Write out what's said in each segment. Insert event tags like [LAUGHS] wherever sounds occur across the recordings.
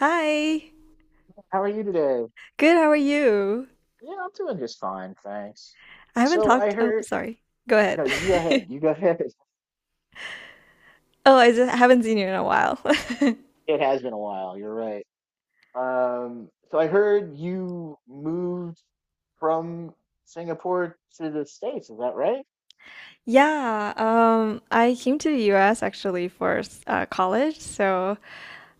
Hi. How are you today? Good, how are you? Yeah, I'm doing just fine, thanks. I haven't So I talked. Oh, heard, sorry. Go ahead. no, you go ahead. [LAUGHS] You go ahead. [LAUGHS] Oh, I just haven't seen you in a while. [LAUGHS] It has been a while. You're right. So I heard you moved from Singapore to the States. Is that right? Yeah, I came to the US actually for college, so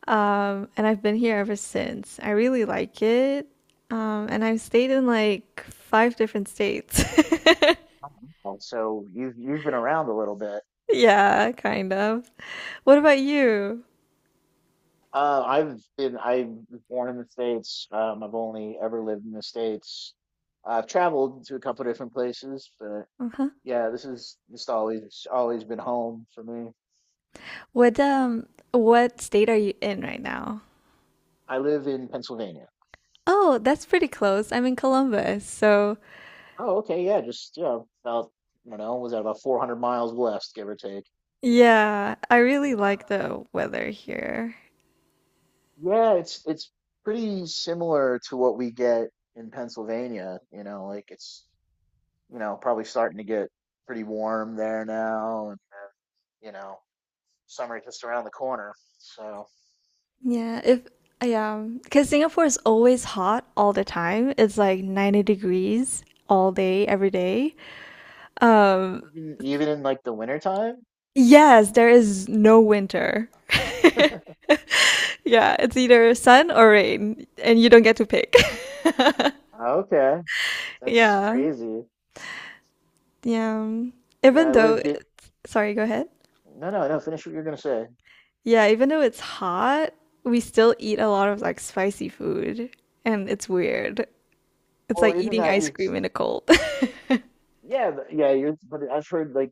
and I've been here ever since. I really like it. And I've stayed in like five different states. [LAUGHS] Mhm. Well, so you've been around a little bit. Yeah, kind of. What about you? I was born in the States. I've only ever lived in the States. I've traveled to a couple different places, but Uh-huh. yeah, this is just always been home for me. What state are you in right now? I live in Pennsylvania. Oh, that's pretty close. I'm in Columbus. So, Oh, okay, yeah, just yeah, about I don't know, was that about 400 miles west, give or take? yeah, I really Yeah. like the weather here. Yeah, it's pretty similar to what we get in Pennsylvania, you know, like it's probably starting to get pretty warm there now and you know, summer just around the corner. So Yeah, if yeah, because Singapore is always hot all the time. It's like 90 degrees all day, every day. Um, even in like the wintertime? yes, there is no winter. [LAUGHS] Yeah, it's either sun or rain, and you don't get to pick. [LAUGHS] Okay. That's Yeah, crazy. yeah. Yeah, Even I though, lived it. sorry, go ahead. No, no, no, finish what you're gonna say. Yeah, even though it's hot, we still eat a lot of like spicy food, and it's weird. It's Well, like isn't eating that ice you? cream in the cold. [LAUGHS] Yeah, yeah, but I've heard like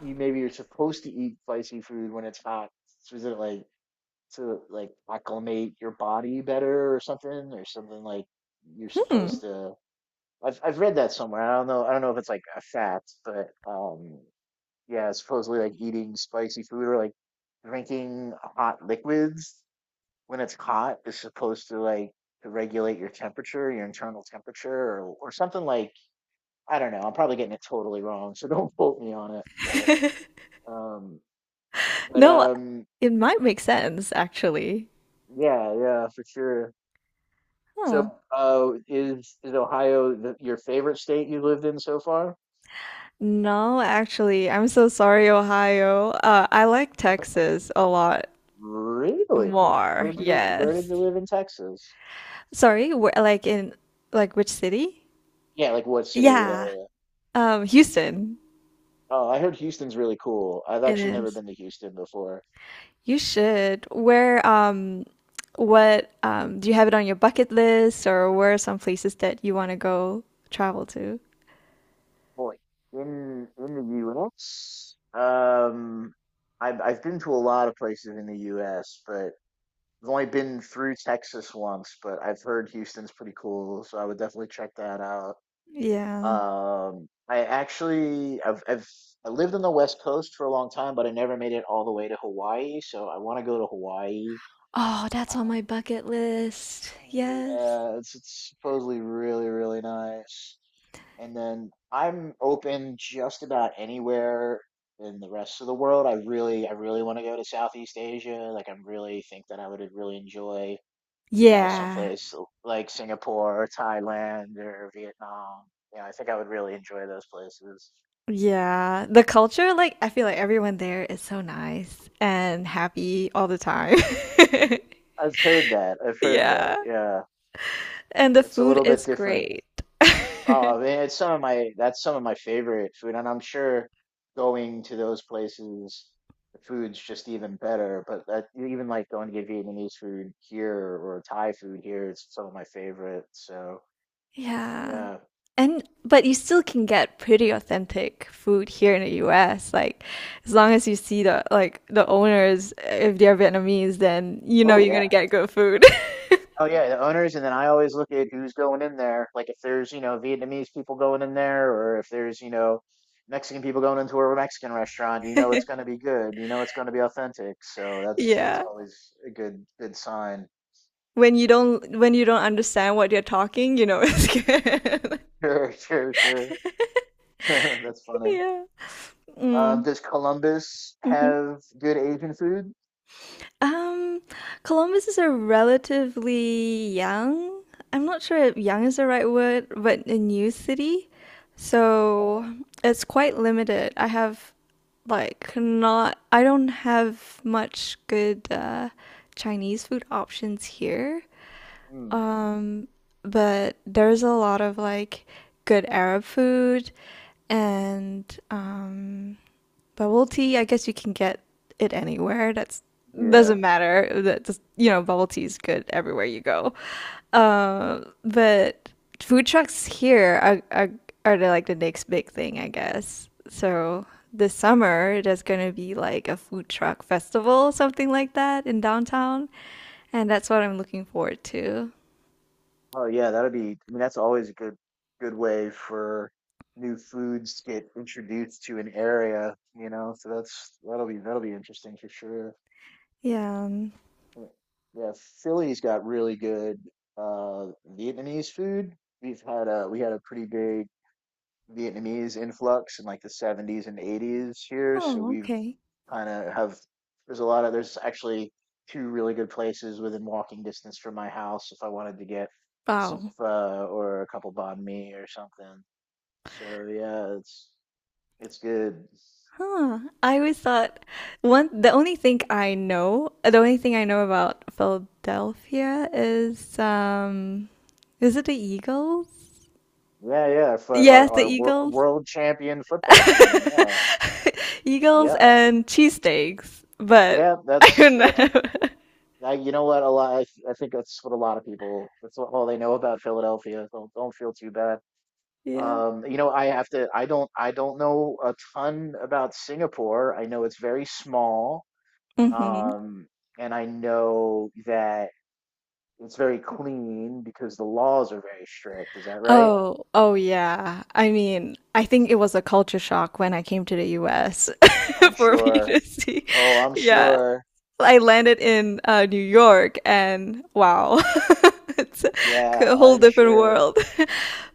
you maybe you're supposed to eat spicy food when it's hot. So is it like to like acclimate your body better or something like you're Hmm. supposed to I've read that somewhere. I don't know if it's like a fact, but yeah, supposedly like eating spicy food or like drinking hot liquids when it's hot is supposed to to regulate your temperature, your internal temperature or something like I don't know. I'm probably getting it totally wrong, so [LAUGHS] don't quote me on it. [LAUGHS] Um, but No, um, it might make sense actually. yeah, yeah, for sure. So, Huh. is Ohio the, your favorite state you lived in so far? No, actually, I'm so sorry, Ohio. I like Texas a lot Really? More. Where did Yes. you live in Texas? Sorry, wh like in like which city? Yeah, like what city or what Yeah. area? Houston. Oh, I heard Houston's really cool. I've It actually never is. been to Houston before. You should. Do you have it on your bucket list or where are some places that you want to go travel to? Boy, in the U.S., I've been to a lot of places in the U.S., but I've only been through Texas once, but I've heard Houston's pretty cool, so I would definitely check that out. Yeah. I actually I've I lived on the West Coast for a long time, but I never made it all the way to Hawaii, so I want to go to Hawaii. Oh, that's Uh, on my bucket list. Yes. yeah, it's supposedly really nice. And then I'm open just about anywhere in the rest of the world. I really want to go to Southeast Asia. Like I'm really think that I would really enjoy you know, Yeah. Like Singapore or Thailand or Vietnam. Yeah, I think I would really enjoy those places. Yeah. The culture, like, I feel like everyone there is so nice and happy all the time. [LAUGHS] I've heard that. I've heard Yeah. that. Yeah, And the it's a food little bit is different. great. Oh, I mean, it's some of my that's some of my favorite food, and I'm sure going to those places, the food's just even better. But that, even like going to get Vietnamese food here or Thai food here, it's some of my favorite. So [LAUGHS] Yeah. yeah. And but you still can get pretty authentic food here in the US. Like as long as you see the owners, if they're Vietnamese, then you know Oh you're yeah. gonna get good food. Oh yeah, the owners, and then I always look at who's going in there. Like if there's, you know, Vietnamese people going in there, or if there's, you know, Mexican people going into a Mexican restaurant, you know it's going [LAUGHS] to be good. You know it's going to be authentic. So that's Yeah. always a good sign. [LAUGHS] When you don't understand what they're talking, you know it's good. [LAUGHS] Sure, sure, sure. [LAUGHS] That's funny. Yeah. Um, Mm. does Columbus Mhm. have good Asian food? Um, Columbus is a relatively young, I'm not sure if young is the right word, but a new city. Okay. So it's quite limited. I don't have much good Chinese food options here, Mm, but there's a lot of like good Arab food and bubble tea, I guess you can get it anywhere. That's yeah. doesn't matter. That just, you know, bubble tea is good everywhere you go. But food trucks here are like the next big thing, I guess. So this summer there's gonna be like a food truck festival, something like that in downtown, and that's what I'm looking forward to. Oh yeah, that'd be, I mean, that's always a good way for new foods to get introduced to an area, you know. So that'll be interesting for sure. Yeah. um, Yeah, yeah, Philly's got really good uh Vietnamese food. We had a pretty big Vietnamese influx in like the 70's and 80s here. So Oh, we've okay. kind of have there's a lot of there's actually two really good places within walking distance from my house if I wanted to get some Wow. pho or a couple banh mi or something. So yeah, it's good. Huh. I always thought one the only thing I know, the only thing I know about Philadelphia is it the Eagles? Yeah, yeah, for Yes, the our Eagles. world champion football team. [LAUGHS] Yeah, Eagles yeah, and cheesesteaks, but yeah. [LAUGHS] I don't That's know. I, you know what a lot. I think that's what a lot of people. That's all they know about Philadelphia. Don't feel too bad. Yeah. You know, I have to, I don't know a ton about Singapore. I know it's very small, Hmm. um, and I know that it's very clean because the laws are very strict. Is that right? Oh, oh yeah. I mean, I think it was a culture shock when I came to the US I'm [LAUGHS] for me to sure. see. Oh, I'm Yeah. sure. I landed in New York, and wow, [LAUGHS] it's Yeah, a whole I'm different sure. world. [LAUGHS]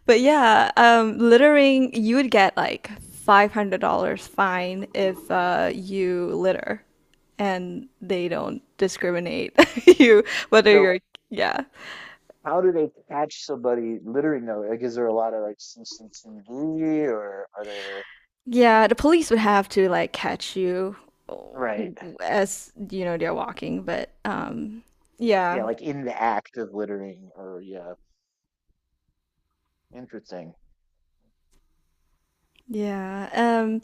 But yeah, littering, you would get like $500 fine if you litter, and they don't discriminate [LAUGHS] you whether So, yeah. how do they catch somebody littering though? Like, is there a lot of like CCTV or are there, Yeah, the police would have to like catch you right? as you know they're walking, but Yeah, yeah. like in the act of littering or yeah, interesting. Yeah.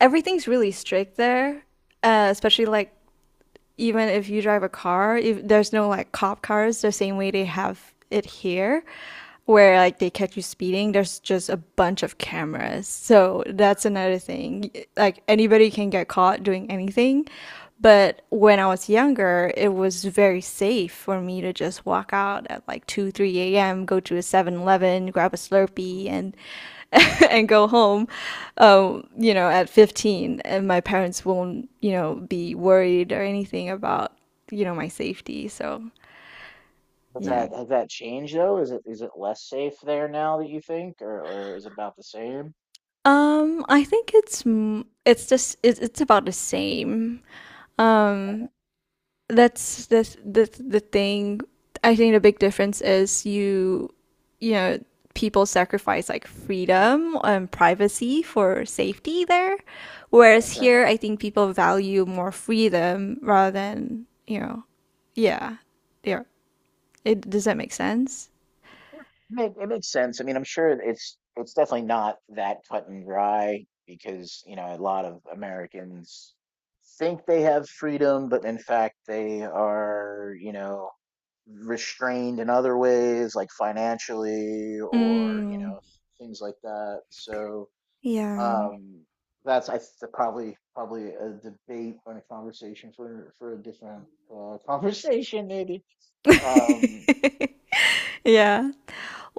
Everything's really strict there, especially like even if you drive a car, if there's no like cop cars the same way they have it here, where like they catch you speeding, there's just a bunch of cameras. So that's another thing. Like anybody can get caught doing anything. But when I was younger, it was very safe for me to just walk out at like 2, 3 a.m., go to a 7-Eleven, grab a Slurpee, and [LAUGHS] and go home, you know, at 15, and my parents won't, you know, be worried or anything about, you know, my safety. So, yeah. Has that changed though? Is it less safe there now that you think, or is it about the same? I think it's just it's about the same. Um, that's the thing. I think the big difference is you know people sacrifice like freedom and privacy for safety there, whereas Okay. here I think people value more freedom rather than you know yeah yeah. It does that make sense? Yeah, it makes sense. I mean, I'm sure it's definitely not that cut and dry because, you know, a lot of Americans think they have freedom, but in fact they are, you know, restrained in other ways, like financially or, you Mm, know, things like that. So, yeah. um, probably a debate or a conversation for a different [LAUGHS] conversation maybe. Um, [LAUGHS] Yeah.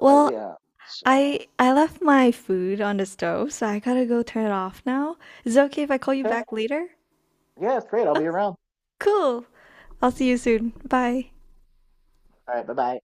but yeah, so I left my food on the stove, so I gotta go turn it off now. Is it okay if I call you okay, back later? yeah, it's great. I'll be around. Cool. I'll see you soon. Bye. All right, bye bye.